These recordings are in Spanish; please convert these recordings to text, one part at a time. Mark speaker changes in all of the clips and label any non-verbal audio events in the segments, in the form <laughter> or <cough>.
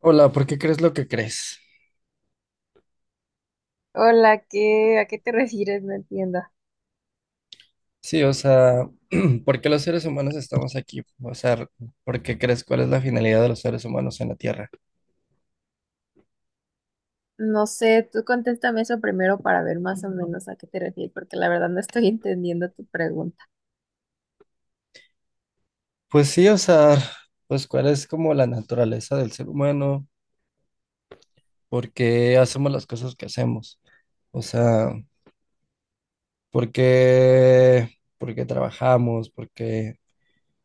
Speaker 1: Hola, ¿por qué crees lo que crees?
Speaker 2: Hola, ¿qué, a qué te refieres? No entiendo.
Speaker 1: Sí, o sea, <clears throat> ¿por qué los seres humanos estamos aquí? O sea, ¿por qué crees cuál es la finalidad de los seres humanos en la Tierra?
Speaker 2: No sé, tú contéstame eso primero para ver más o menos a qué te refieres, porque la verdad no estoy <laughs> entendiendo tu pregunta.
Speaker 1: Pues sí, o sea, pues cuál es como la naturaleza del ser humano, por qué hacemos las cosas que hacemos, o sea, por qué, por qué trabajamos, por qué,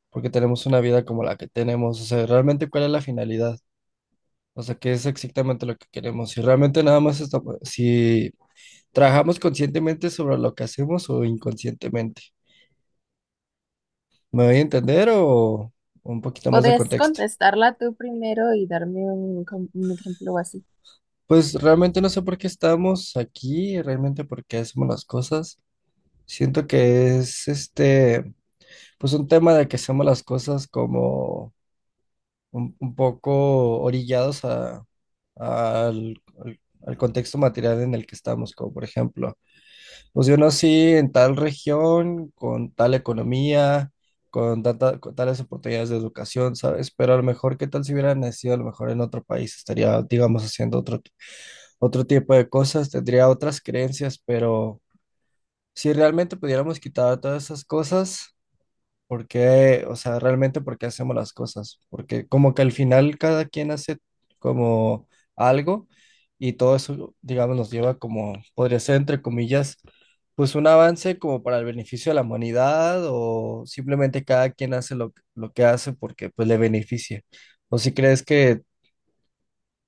Speaker 1: por qué tenemos una vida como la que tenemos, o sea, realmente cuál es la finalidad, o sea, qué es exactamente lo que queremos, si realmente nada más estamos, si ¿trabajamos conscientemente sobre lo que hacemos o inconscientemente? ¿Me voy a entender o un poquito más de
Speaker 2: ¿Podrías
Speaker 1: contexto?
Speaker 2: contestarla tú primero y darme un ejemplo así?
Speaker 1: Pues realmente no sé por qué estamos aquí, realmente por qué hacemos las cosas. Siento que es este, pues un tema de que hacemos las cosas como un poco orillados a, al contexto material en el que estamos, como por ejemplo. Pues yo nací en tal región, con tal economía, con, con tales oportunidades de educación, ¿sabes? Pero a lo mejor, ¿qué tal si hubiera nacido a lo mejor en otro país? Estaría, digamos, haciendo otro, otro tipo de cosas, tendría otras creencias, pero si realmente pudiéramos quitar todas esas cosas, ¿por qué? O sea, realmente por qué hacemos las cosas. Porque como que al final cada quien hace como algo y todo eso, digamos, nos lleva como, podría ser entre comillas, pues un avance como para el beneficio de la humanidad o simplemente cada quien hace lo que hace porque pues le beneficia. ¿O si crees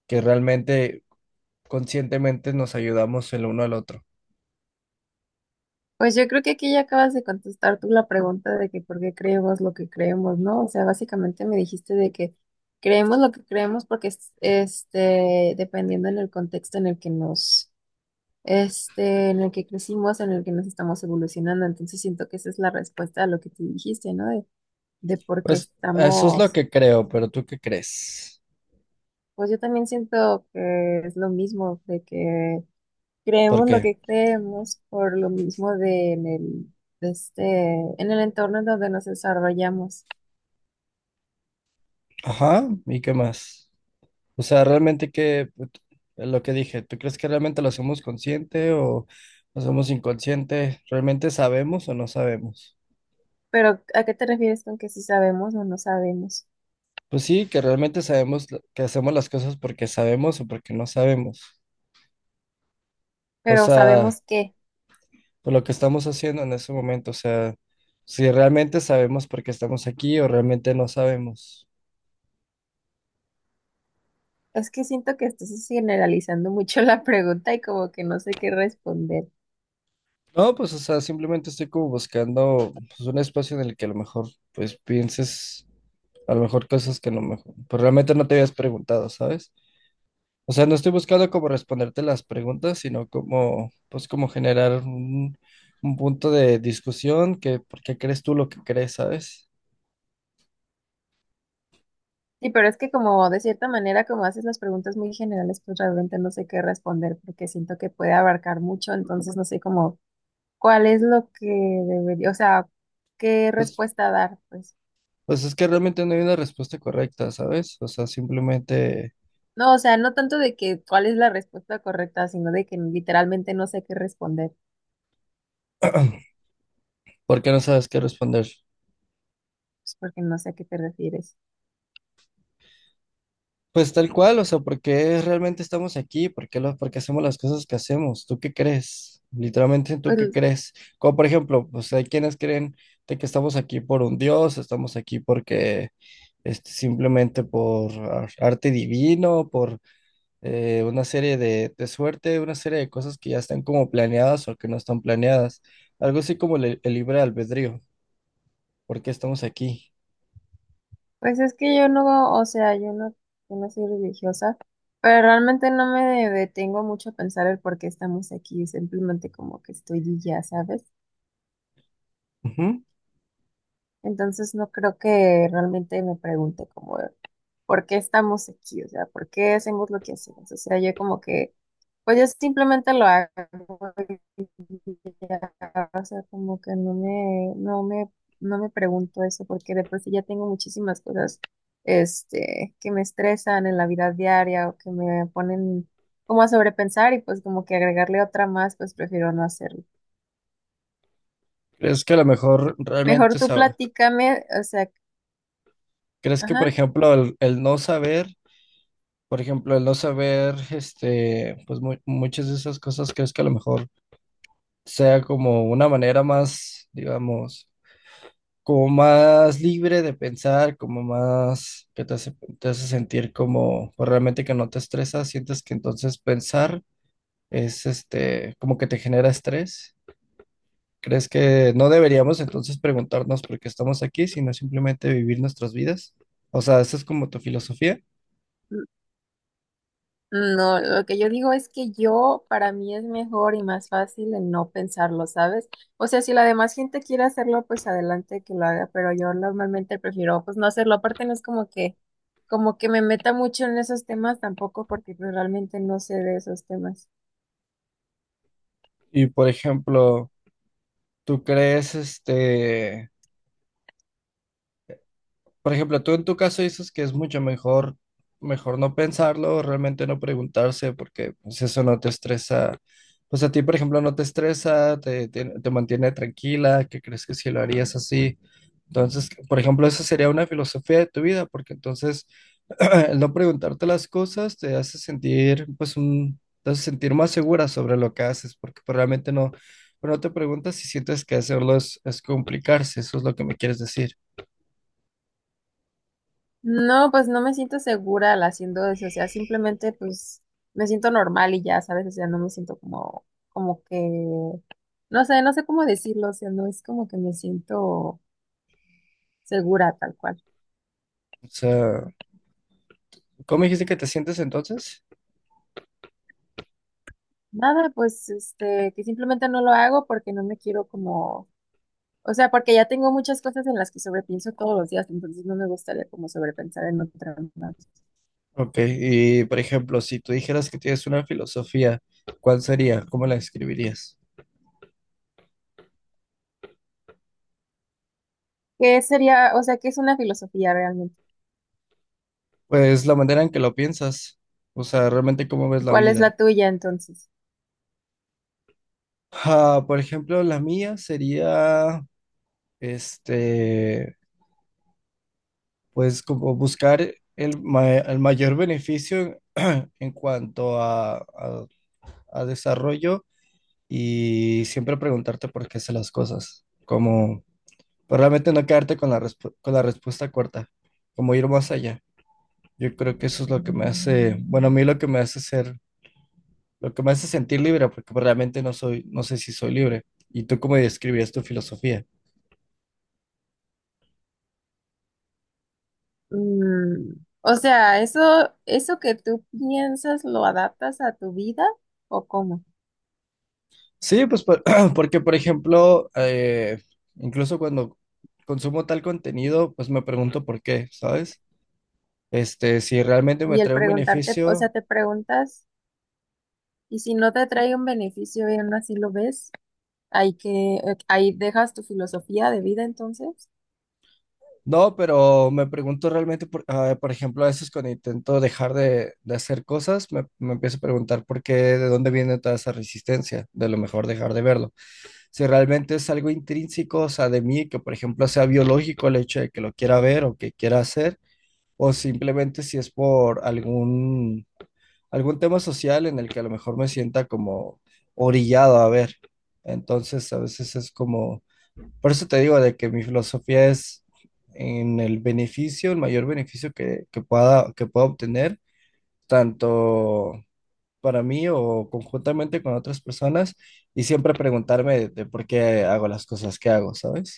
Speaker 1: que realmente conscientemente nos ayudamos el uno al otro?
Speaker 2: Pues yo creo que aquí ya acabas de contestar tú la pregunta de que por qué creemos lo que creemos, ¿no? O sea, básicamente me dijiste de que creemos lo que creemos porque dependiendo en el contexto en el que en el que crecimos, en el que nos estamos evolucionando. Entonces siento que esa es la respuesta a lo que tú dijiste, ¿no? De por qué
Speaker 1: Pues eso es lo
Speaker 2: estamos,
Speaker 1: que creo, pero ¿tú qué crees?
Speaker 2: pues yo también siento que es lo mismo, de que
Speaker 1: ¿Por
Speaker 2: creemos lo
Speaker 1: qué?
Speaker 2: que creemos por lo mismo de en el, de este, en el entorno en donde nos desarrollamos.
Speaker 1: Ajá, ¿y qué más? O sea, realmente que lo que dije, ¿tú crees que realmente lo hacemos consciente o lo hacemos inconsciente? ¿Realmente sabemos o no sabemos?
Speaker 2: Pero, ¿a qué te refieres con que si sabemos o no sabemos?
Speaker 1: Pues sí, que realmente sabemos que hacemos las cosas porque sabemos o porque no sabemos. O
Speaker 2: Pero
Speaker 1: sea,
Speaker 2: sabemos qué.
Speaker 1: por lo que estamos haciendo en ese momento, o sea, si realmente sabemos por qué estamos aquí o realmente no sabemos.
Speaker 2: Es que siento que estás generalizando mucho la pregunta y como que no sé qué responder.
Speaker 1: No, pues, o sea, simplemente estoy como buscando pues, un espacio en el que a lo mejor, pues, pienses a lo mejor cosas que no me, pues, realmente no te habías preguntado, ¿sabes? O sea, no estoy buscando como responderte las preguntas, sino como, pues, como generar un punto de discusión que, ¿por qué crees tú lo que crees, ¿sabes?
Speaker 2: Sí, pero es que como de cierta manera, como haces las preguntas muy generales, pues realmente no sé qué responder porque siento que puede abarcar mucho, entonces no sé cómo cuál es lo que debería, o sea, qué
Speaker 1: Pues,
Speaker 2: respuesta dar, pues.
Speaker 1: pues es que realmente no hay una respuesta correcta, ¿sabes? O sea, simplemente,
Speaker 2: No, o sea, no tanto de que cuál es la respuesta correcta, sino de que literalmente no sé qué responder,
Speaker 1: ¿por qué no sabes qué responder?
Speaker 2: pues porque no sé a qué te refieres.
Speaker 1: Pues tal cual, o sea, ¿por qué realmente estamos aquí? ¿Por qué, por qué hacemos las cosas que hacemos? ¿Tú qué crees? Literalmente, ¿tú qué
Speaker 2: Pues,
Speaker 1: crees? Como por ejemplo, pues hay quienes creen de que estamos aquí por un Dios, estamos aquí porque este, simplemente por arte divino, por una serie de suerte, una serie de cosas que ya están como planeadas o que no están planeadas. Algo así como el libre albedrío. ¿Por qué estamos aquí?
Speaker 2: pues es que yo no, o sea, yo no soy religiosa, pero realmente no me detengo mucho a pensar el por qué estamos aquí, simplemente como que estoy y ya, ¿sabes?
Speaker 1: Ujú.
Speaker 2: Entonces no creo que realmente me pregunte como por qué estamos aquí, o sea, por qué hacemos lo que hacemos. O sea, pues yo simplemente lo hago y ya, o sea, como que no me pregunto eso, porque después ya tengo muchísimas cosas, este, que me estresan en la vida diaria o que me ponen como a sobrepensar y pues como que agregarle otra más, pues prefiero no hacerlo.
Speaker 1: ¿Crees que a lo mejor realmente
Speaker 2: Mejor tú platícame, o sea,
Speaker 1: ¿crees que, por
Speaker 2: ajá.
Speaker 1: ejemplo, el no saber, por ejemplo, el no saber, este, pues muchas de esas cosas, crees que a lo mejor sea como una manera más, digamos, como más libre de pensar, como más que te hace sentir como, pues realmente que no te estresas, sientes que entonces pensar es, este, como que te genera estrés? ¿Crees que no deberíamos entonces preguntarnos por qué estamos aquí, sino simplemente vivir nuestras vidas? O sea, ¿esa es como tu filosofía?
Speaker 2: No, lo que yo digo es que yo, para mí es mejor y más fácil el no pensarlo, ¿sabes? O sea, si la demás gente quiere hacerlo, pues adelante que lo haga, pero yo normalmente prefiero pues no hacerlo. Aparte no es como que me meta mucho en esos temas tampoco, porque pues, realmente no sé de esos temas.
Speaker 1: Y por ejemplo, ¿tú crees este, por ejemplo, tú en tu caso dices que es mucho mejor, mejor no pensarlo, realmente no preguntarse, porque pues eso no te estresa, pues a ti, por ejemplo, no te estresa, te mantiene tranquila, que crees que si lo harías así? Entonces, por ejemplo, esa sería una filosofía de tu vida, porque entonces <clears throat> el no preguntarte las cosas te hace sentir, pues, un, te hace sentir más segura sobre lo que haces, porque pues, realmente no, pues, no te preguntas si sientes que hacerlo es complicarse, eso es lo que me quieres decir.
Speaker 2: No, pues no me siento segura al haciendo eso, o sea, simplemente pues me siento normal y ya, ¿sabes? O sea, no me siento como que, no sé, no sé cómo decirlo, o sea, no es como que me siento segura tal cual.
Speaker 1: O sea, ¿cómo dijiste que te sientes entonces?
Speaker 2: Nada, pues este, que simplemente no lo hago porque no me quiero como, o sea, porque ya tengo muchas cosas en las que sobrepienso todos los días, entonces no me gustaría como sobrepensar en otras más.
Speaker 1: Ok, y por ejemplo, si tú dijeras que tienes una filosofía, ¿cuál sería? ¿Cómo la describirías?
Speaker 2: ¿Qué sería, o sea, qué es una filosofía realmente?
Speaker 1: Pues la manera en que lo piensas, o sea, realmente cómo ves
Speaker 2: ¿Y
Speaker 1: la
Speaker 2: cuál es
Speaker 1: vida.
Speaker 2: la tuya entonces?
Speaker 1: Ah, por ejemplo, la mía sería, este, pues como buscar el, el mayor beneficio en cuanto a, a desarrollo y siempre preguntarte por qué haces las cosas, como pues, realmente no quedarte con la, con la respuesta corta, como ir más allá. Yo creo que eso es lo que me hace, bueno, a mí lo que me hace ser, lo que me hace sentir libre, porque pues, realmente no soy, no sé si soy libre. ¿Y tú cómo describías tu filosofía?
Speaker 2: Mm, o sea, eso que tú piensas, ¿lo adaptas a tu vida o cómo?
Speaker 1: Sí, pues <clears throat> porque, por ejemplo, incluso cuando consumo tal contenido, pues me pregunto por qué, ¿sabes? Este, si realmente me
Speaker 2: Y el
Speaker 1: trae un
Speaker 2: preguntarte, o sea,
Speaker 1: beneficio,
Speaker 2: te preguntas, y si no te trae un beneficio y aún así lo ves, ahí que, ahí dejas tu filosofía de vida entonces.
Speaker 1: no, pero me pregunto realmente, por, ah, por ejemplo, a veces cuando intento dejar de hacer cosas, me empiezo a preguntar por qué, de dónde viene toda esa resistencia, de lo mejor dejar de verlo. Si realmente es algo intrínseco, o sea, de mí, que por ejemplo sea biológico el hecho de que lo quiera ver o que quiera hacer, o simplemente si es por algún tema social en el que a lo mejor me sienta como orillado a ver. Entonces, a veces es como, por eso te digo de que mi filosofía es en el beneficio, el mayor beneficio que, que pueda obtener, tanto para mí o conjuntamente con otras personas, y siempre preguntarme de por qué hago las cosas que hago, ¿sabes?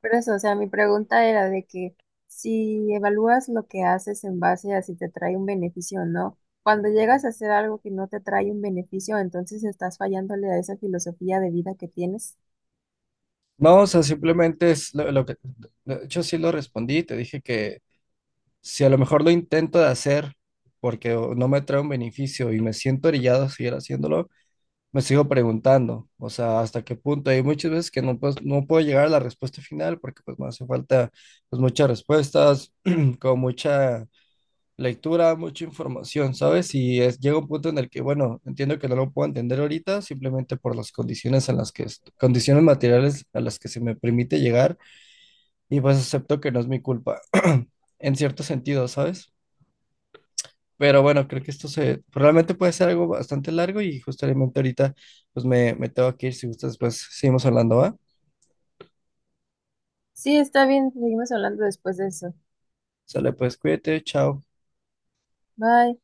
Speaker 2: Por eso, o sea, mi pregunta era de que si evalúas lo que haces en base a si te trae un beneficio o no, cuando llegas a hacer algo que no te trae un beneficio, entonces estás fallándole a esa filosofía de vida que tienes.
Speaker 1: No, o sea, simplemente es lo que yo sí lo respondí, te dije que si a lo mejor lo intento de hacer porque o, no me trae un beneficio y me siento orillado a seguir haciéndolo, me sigo preguntando, o sea, hasta qué punto. Hay muchas veces que no, pues, no puedo llegar a la respuesta final porque pues me hace falta pues muchas respuestas, <clears throat> con mucha lectura, mucha información, ¿sabes? Y es, llega un punto en el que, bueno, entiendo que no lo puedo entender ahorita simplemente por las condiciones en las que, condiciones materiales a las que se me permite llegar y pues acepto que no es mi culpa, <clears throat> en cierto sentido, ¿sabes? Pero bueno, creo que esto se realmente puede ser algo bastante largo y justamente ahorita pues me tengo que ir, si gustas, pues seguimos hablando, ¿va?
Speaker 2: Sí, está bien, seguimos hablando después de eso.
Speaker 1: Sale, pues cuídate, chao.
Speaker 2: Bye.